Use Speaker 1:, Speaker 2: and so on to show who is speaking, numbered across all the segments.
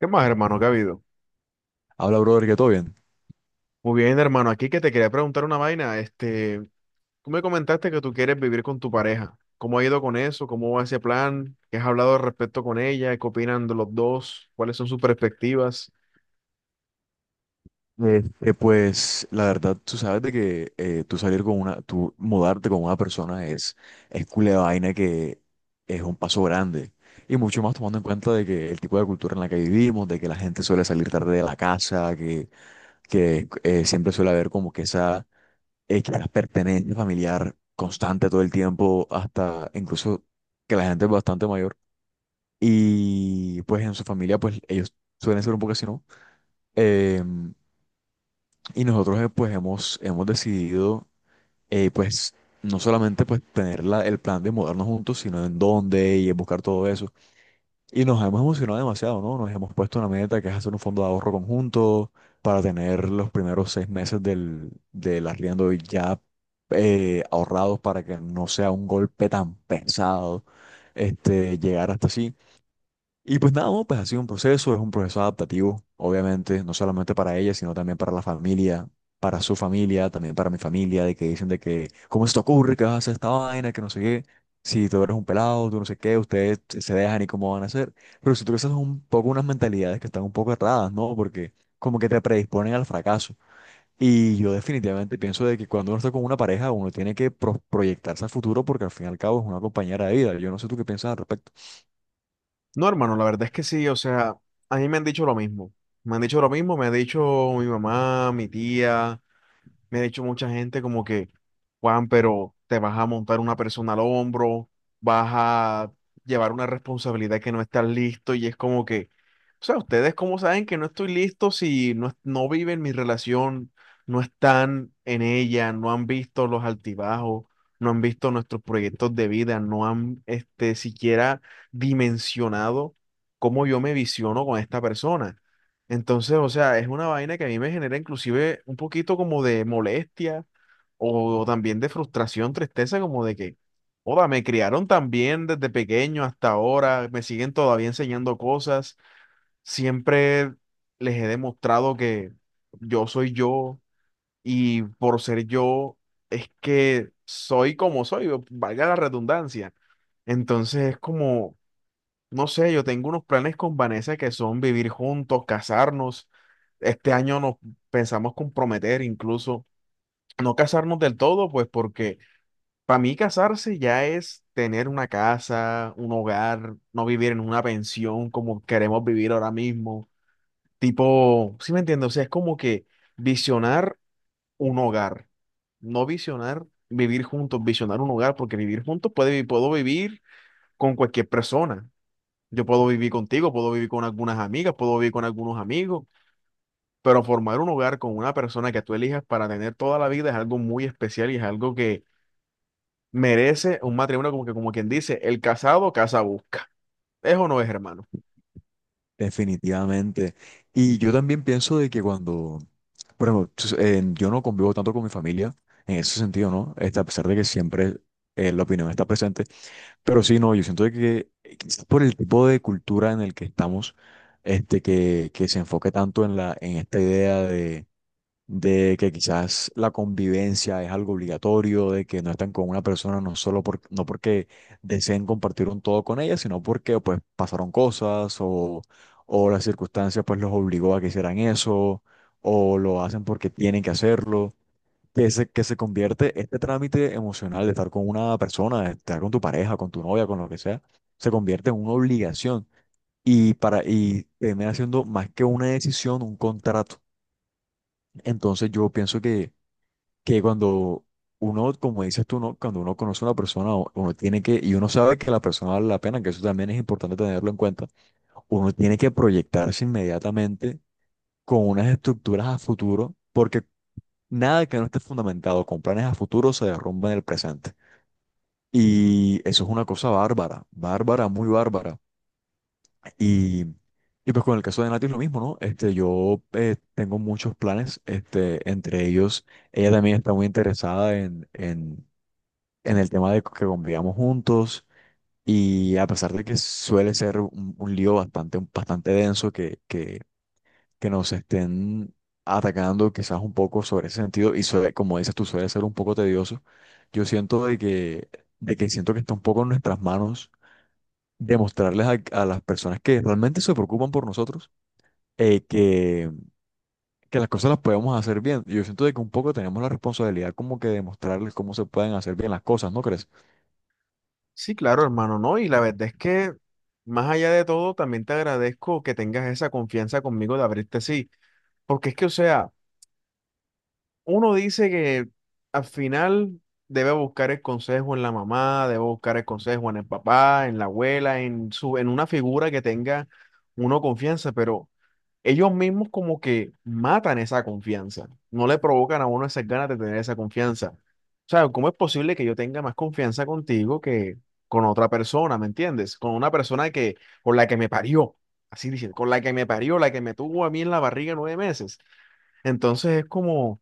Speaker 1: ¿Qué más, hermano? ¿Qué ha habido?
Speaker 2: Habla, brother, que todo bien.
Speaker 1: Muy bien, hermano. Aquí que te quería preguntar una vaina. Este, tú me comentaste que tú quieres vivir con tu pareja. ¿Cómo ha ido con eso? ¿Cómo va ese plan? ¿Qué has hablado al respecto con ella? ¿Qué opinan de los dos? ¿Cuáles son sus perspectivas?
Speaker 2: Este, pues la verdad, tú sabes de que tú mudarte con una persona es culé vaina que es un paso grande. Y mucho más tomando en cuenta de que el tipo de cultura en la que vivimos, de que la gente suele salir tarde de la casa, que siempre suele haber como que esa que la pertenencia familiar constante todo el tiempo, hasta incluso que la gente es bastante mayor. Y pues en su familia, pues ellos suelen ser un poco así, ¿no? Em, Y nosotros pues hemos decidido pues no solamente pues tener el plan de mudarnos juntos, sino en dónde y en buscar todo eso. Y nos hemos emocionado demasiado, ¿no? Nos hemos puesto una meta que es hacer un fondo de ahorro conjunto para tener los primeros 6 meses del arriendo ya ahorrados para que no sea un golpe tan pesado este, llegar hasta así y pues nada, no, pues ha sido un proceso, es un proceso adaptativo, obviamente, no solamente para ella, sino también para la familia, para su familia, también para mi familia, de que dicen de que, ¿cómo se te ocurre que vas a hacer esta vaina, que no sé qué? Si tú eres un pelado, tú no sé qué, ustedes se dejan y cómo van a hacer. Pero si tú crees, son un poco unas mentalidades que están un poco erradas, ¿no? Porque como que te predisponen al fracaso. Y yo definitivamente pienso de que cuando uno está con una pareja, uno tiene que proyectarse al futuro porque al fin y al cabo es una compañera de vida. Yo no sé tú qué piensas al respecto.
Speaker 1: No, hermano, la verdad es que sí. O sea, a mí me han dicho lo mismo. Me han dicho lo mismo. Me ha dicho mi mamá, mi tía. Me ha dicho mucha gente como que, Juan, pero te vas a montar una persona al hombro, vas a llevar una responsabilidad que no estás listo y es como que, o sea, ustedes cómo saben que no estoy listo si no, no viven mi relación, no están en ella, no han visto los altibajos, no han visto nuestros proyectos de vida, no han este, siquiera dimensionado cómo yo me visiono con esta persona. Entonces, o sea, es una vaina que a mí me genera inclusive un poquito como de molestia o también de frustración, tristeza, como de que, joda, me criaron tan bien desde pequeño hasta ahora, me siguen todavía enseñando cosas, siempre les he demostrado que yo soy yo y por ser yo es que soy como soy, valga la redundancia. Entonces es como, no sé, yo tengo unos planes con Vanessa que son vivir juntos, casarnos este año nos pensamos comprometer, incluso no casarnos del todo, pues porque para mí casarse ya es tener una casa, un hogar, no vivir en una pensión como queremos vivir ahora mismo. Tipo, ¿sí me entiendes? O sea, es como que visionar un hogar, no visionar vivir juntos, visionar un hogar, porque vivir juntos puede, puedo vivir con cualquier persona. Yo puedo vivir contigo, puedo vivir con algunas amigas, puedo vivir con algunos amigos, pero formar un hogar con una persona que tú elijas para tener toda la vida es algo muy especial y es algo que merece un matrimonio como que, como quien dice, el casado casa busca. ¿Eso no es, hermano?
Speaker 2: Definitivamente. Y yo también pienso de que cuando, por ejemplo, yo no convivo tanto con mi familia, en ese sentido, ¿no? Este, a pesar de que siempre la opinión está presente, pero sí, no, yo siento de que quizás por el tipo de cultura en el que estamos, este, que se enfoque tanto en la, en esta idea de que quizás la convivencia es algo obligatorio, de que no están con una persona no solo por, no porque deseen compartir un todo con ella, sino porque pues pasaron cosas o, las circunstancias pues los obligó a que hicieran eso o lo hacen porque tienen que hacerlo. Que se convierte este trámite emocional de estar con una persona, de estar con tu pareja, con tu novia, con lo que sea, se convierte en una obligación y termina siendo más que una decisión, un contrato. Entonces yo pienso que cuando uno, como dices tú, ¿no? Cuando uno conoce a una persona, uno tiene que, y uno sabe que la persona vale la pena, que eso también es importante tenerlo en cuenta, uno tiene que proyectarse inmediatamente con unas estructuras a futuro, porque nada que no esté fundamentado con planes a futuro se derrumba en el presente. Y eso es una cosa bárbara, bárbara, muy bárbara. Y, y pues con el caso de Nati es lo mismo, ¿no? Este, yo tengo muchos planes, este, entre ellos, ella también está muy interesada en el tema de que convivíamos juntos y a pesar de que suele ser un lío bastante, bastante denso que nos estén atacando quizás un poco sobre ese sentido y como dices tú suele ser un poco tedioso, yo siento de que siento que está un poco en nuestras manos demostrarles a las personas que realmente se preocupan por nosotros eh, que, que las cosas las podemos hacer bien. Yo siento de que un poco tenemos la responsabilidad como que demostrarles cómo se pueden hacer bien las cosas, ¿no crees?
Speaker 1: Sí, claro, hermano, no. Y la verdad es que, más allá de todo, también te agradezco que tengas esa confianza conmigo de abrirte así. Porque es que, o sea, uno dice que al final debe buscar el consejo en la mamá, debe buscar el consejo en el papá, en la abuela, en su, en una figura que tenga uno confianza, pero ellos mismos como que matan esa confianza, no le provocan a uno esas ganas de tener esa confianza. O sea, ¿cómo es posible que yo tenga más confianza contigo que con otra persona? ¿Me entiendes? Con una persona que, con la que me parió, así dicen, con la que me parió, la que me tuvo a mí en la barriga 9 meses. Entonces es como...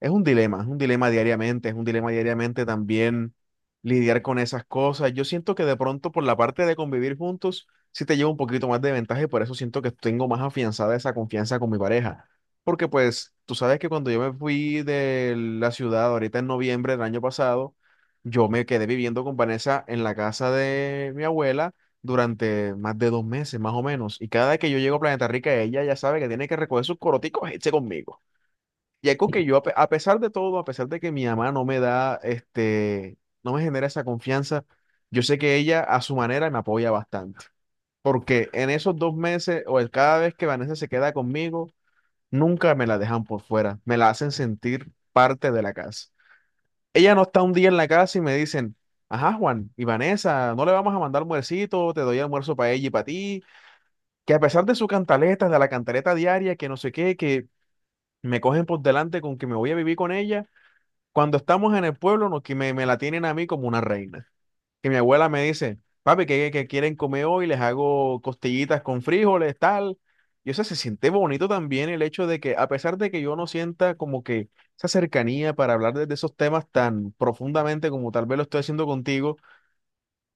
Speaker 1: Es un dilema diariamente, es un dilema diariamente también lidiar con esas cosas. Yo siento que de pronto por la parte de convivir juntos, sí te llevo un poquito más de ventaja y por eso siento que tengo más afianzada esa confianza con mi pareja. Porque pues tú sabes que cuando yo me fui de la ciudad ahorita en noviembre del año pasado, yo me quedé viviendo con Vanessa en la casa de mi abuela durante más de 2 meses más o menos. Y cada vez que yo llego a Planeta Rica, ella ya sabe que tiene que recoger sus coroticos e irse conmigo. Y algo que yo, a pesar de todo, a pesar de que mi mamá no me da, este, no me genera esa confianza, yo sé que ella a su manera me apoya bastante. Porque en esos 2 meses o el cada vez que Vanessa se queda conmigo, nunca me la dejan por fuera, me la hacen sentir parte de la casa. Ella no está un día en la casa y me dicen, ajá, Juan, y Vanessa, no le vamos a mandar almuercito, te doy almuerzo para ella y para ti. Que a pesar de su cantaleta, de la cantaleta diaria, que no sé qué, que me cogen por delante con que me voy a vivir con ella. Cuando estamos en el pueblo, no, que me la tienen a mí como una reina. Que mi abuela me dice, papi, ¿qué quieren comer hoy? Les hago costillitas con frijoles, tal. Y o sea, se siente bonito también el hecho de que, a pesar de que yo no sienta como que esa cercanía para hablar de esos temas tan profundamente como tal vez lo estoy haciendo contigo,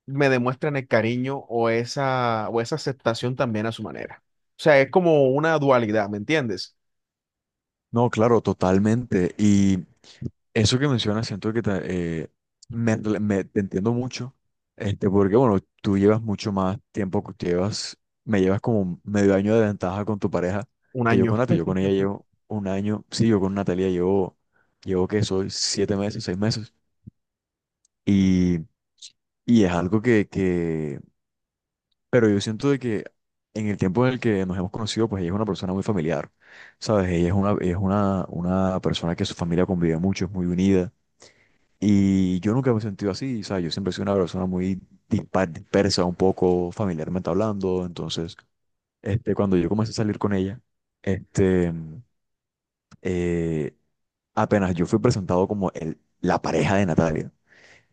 Speaker 1: me demuestran el cariño o esa aceptación también a su manera. O sea, es como una dualidad, ¿me entiendes?
Speaker 2: No, claro, totalmente. Y eso que mencionas, siento que te entiendo mucho, este, porque bueno, tú llevas mucho más tiempo, me llevas como medio año de ventaja con tu pareja
Speaker 1: Un
Speaker 2: que yo
Speaker 1: año.
Speaker 2: con Nati. Yo con ella llevo un año, sí, yo con Natalia llevo que soy 7 meses, 6 meses. Y, y es algo. Pero yo siento de que en el tiempo en el que nos hemos conocido, pues ella es una persona muy familiar, ¿sabes? Ella es una persona que su familia convive mucho, es muy unida. Y yo nunca me he sentido así, ¿sabes? Yo siempre he sido una persona muy dispar, dispersa, un poco familiarmente hablando. Entonces, este, cuando yo comencé a salir con ella, este, eh, apenas yo fui presentado como la pareja de Natalia.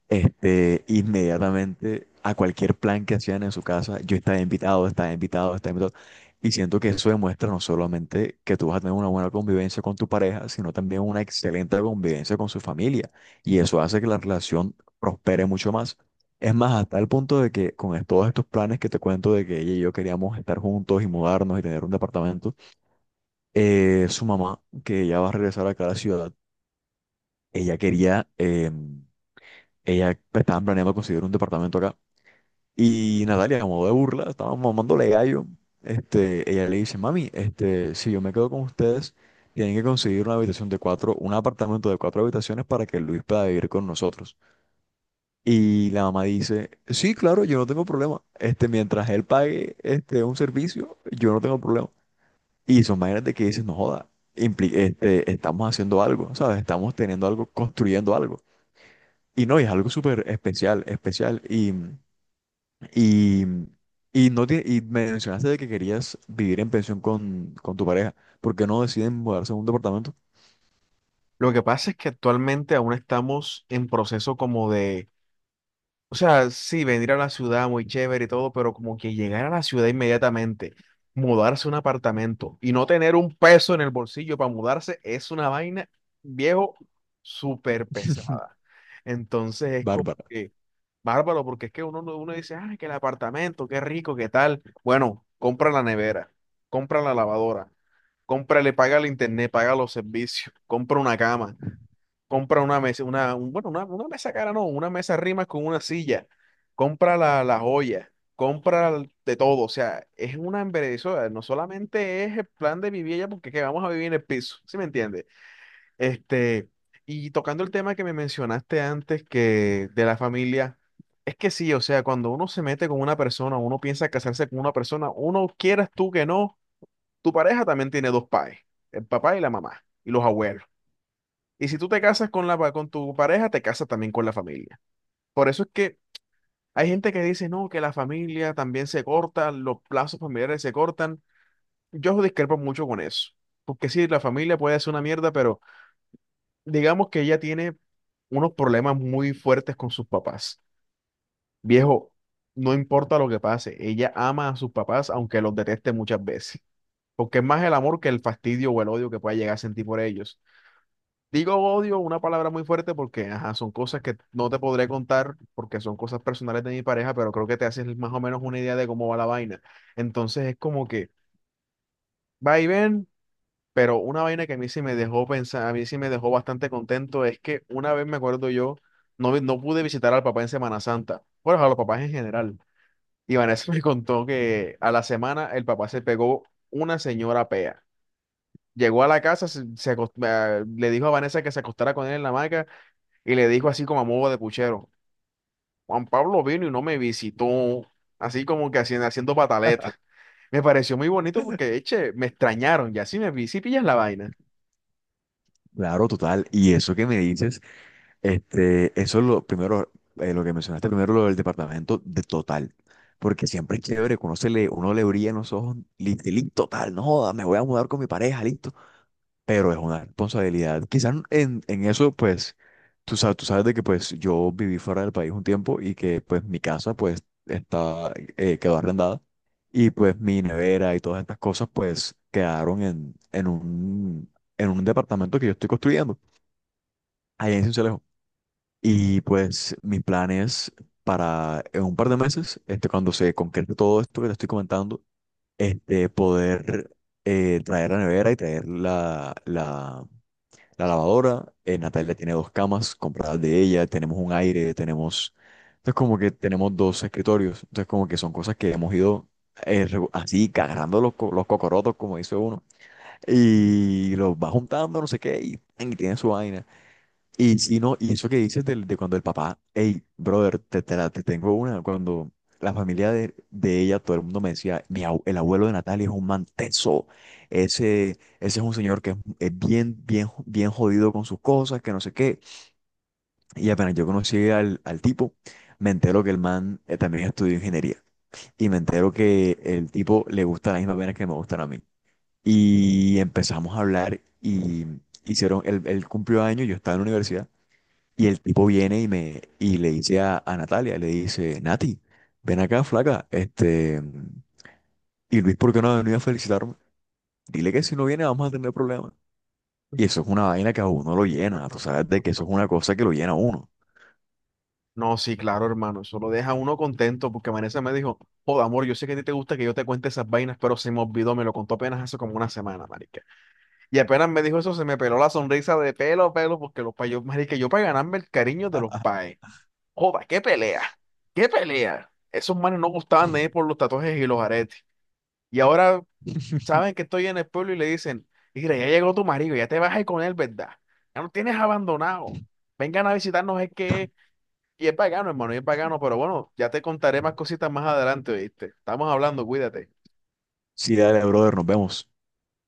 Speaker 2: Este, inmediatamente a cualquier plan que hacían en su casa, yo estaba invitado, estaba invitado, estaba invitado. Y siento que eso demuestra no solamente que tú vas a tener una buena convivencia con tu pareja, sino también una excelente convivencia con su familia. Y eso hace que la relación prospere mucho más. Es más, hasta el punto de que con todos estos planes que te cuento de que ella y yo queríamos estar juntos y mudarnos y tener un departamento, su mamá, que ya va a regresar acá a la ciudad, ella quería, ella estaba planeando conseguir un departamento acá y Natalia, a modo de burla, estaba mamándole gallo. Este, ella le dice, mami, este, si yo me quedo con ustedes, tienen que conseguir una habitación de cuatro, un apartamento de cuatro habitaciones para que Luis pueda vivir con nosotros. Y la mamá dice, sí, claro, yo no tengo problema. Este, mientras él pague, este, un servicio, yo no tengo problema. Y son maneras de que dices no joda, este, estamos haciendo algo, ¿sabes? Estamos teniendo algo, construyendo algo. Y no, y es algo súper especial, especial. Y, y, no tie- y mencionaste de que querías vivir en pensión con tu pareja. ¿Por qué no deciden mudarse a un departamento?
Speaker 1: Lo que pasa es que actualmente aún estamos en proceso como de... O sea, sí, venir a la ciudad muy chévere y todo, pero como que llegar a la ciudad inmediatamente, mudarse a un apartamento y no tener un peso en el bolsillo para mudarse es una vaina, viejo, súper pesada. Entonces es como
Speaker 2: Bárbara.
Speaker 1: que bárbaro, porque es que uno, uno dice, ah, que el apartamento, qué rico, qué tal. Bueno, compra la nevera, compra la lavadora, cómprale, paga el internet, paga los servicios, compra una cama, compra una mesa, una, bueno, una mesa cara, no, una mesa rimas con una silla, compra la joya, compra de todo, o sea, es una embellecedora, no solamente es el plan de vivir allá porque que vamos a vivir en el piso, ¿sí me entiendes? Este, y tocando el tema que me mencionaste antes, que de la familia, es que sí, o sea, cuando uno se mete con una persona, uno piensa casarse con una persona, uno quieras tú que no, tu pareja también tiene dos padres, el papá y la mamá, y los abuelos. Y si tú te casas con con tu pareja, te casas también con la familia. Por eso es que hay gente que dice, no, que la familia también se corta, los plazos familiares se cortan. Yo discrepo mucho con eso. Porque sí, la familia puede ser una mierda, pero digamos que ella tiene unos problemas muy fuertes con sus papás. Viejo, no importa lo que pase, ella ama a sus papás, aunque los deteste muchas veces. Porque es más el amor que el fastidio o el odio que pueda llegar a sentir por ellos. Digo odio, una palabra muy fuerte porque ajá, son cosas que no te podré contar porque son cosas personales de mi pareja, pero creo que te haces más o menos una idea de cómo va la vaina. Entonces es como que va y ven, pero una vaina que a mí sí me dejó pensar, a mí sí me dejó bastante contento es que una vez me acuerdo yo, no, no pude visitar al papá en Semana Santa, bueno, a los papás en general. Y Vanessa me contó que a la semana el papá se pegó una señora pea. Llegó a la casa, le dijo a Vanessa que se acostara con él en la hamaca, y le dijo así como a modo de puchero, Juan Pablo vino y no me visitó, así como que haciendo, haciendo pataleta. Me pareció muy bonito porque, eche, me extrañaron, ya si me vi, si pillas la vaina.
Speaker 2: Claro, total. Y eso que me dices, este, eso es lo primero, lo que mencionaste primero, lo del departamento de total. Porque siempre es chévere, que uno, se le, uno le brilla en los ojos, listo, total, no joda, me voy a mudar con mi pareja, listo. Pero es una responsabilidad. Quizás en eso, pues, tú sabes de que pues yo viví fuera del país un tiempo y que pues mi casa pues está, quedó arrendada y pues mi nevera y todas estas cosas pues quedaron en un departamento que yo estoy construyendo allá en Sincelejo. Y pues mis planes para en un par de meses, este, cuando se concrete todo esto que te estoy comentando, este, poder traer la nevera y traer la lavadora, Natalia tiene dos camas compradas de ella, tenemos un aire, tenemos, entonces como que tenemos dos escritorios, entonces como que son cosas que hemos ido así, agarrando los cocorotos, como dice uno, y los va juntando, no sé qué, y tiene su vaina. Y si no, y eso que dices cuando el papá, hey, brother, te tengo una, cuando la familia de ella, todo el mundo me decía, el abuelo de Natalia es un man tenso, ese es un señor que es bien, bien, bien jodido con sus cosas, que no sé qué. Y apenas yo conocí al tipo, me entero que el man también estudió ingeniería. Y me entero que el tipo le gusta las mismas venas que me gustan a mí. Y empezamos a hablar y el cumplió años, yo estaba en la universidad. Y el tipo viene y le dice a Natalia, le dice, Nati, ven acá, flaca, este, y Luis, ¿por qué no ha venido a felicitarme? Dile que si no viene vamos a tener problemas. Y eso es una vaina que a uno lo llena, tú sabes de que eso es una cosa que lo llena a uno.
Speaker 1: No, sí, claro, hermano, eso lo deja a uno contento porque Vanessa me dijo, joda, amor, yo sé que a ti te gusta que yo te cuente esas vainas, pero se me olvidó, me lo contó apenas hace como una semana, marica. Y apenas me dijo eso, se me peló la sonrisa de pelo a pelo porque los payos, marica, yo para ganarme el cariño de los paes. Joda, qué pelea, qué pelea. Esos manes no gustaban de ir por los tatuajes y los aretes. Y ahora saben que estoy en el pueblo y le dicen, mira, ya llegó tu marido, ya te vas a ir con él, ¿verdad? Ya no tienes abandonado. Vengan a visitarnos, es que... es. Y es pagano, hermano, y es pagano, pero bueno, ya te contaré más cositas más adelante, ¿oíste? Estamos hablando, cuídate.
Speaker 2: Sí, dale, brother, nos vemos.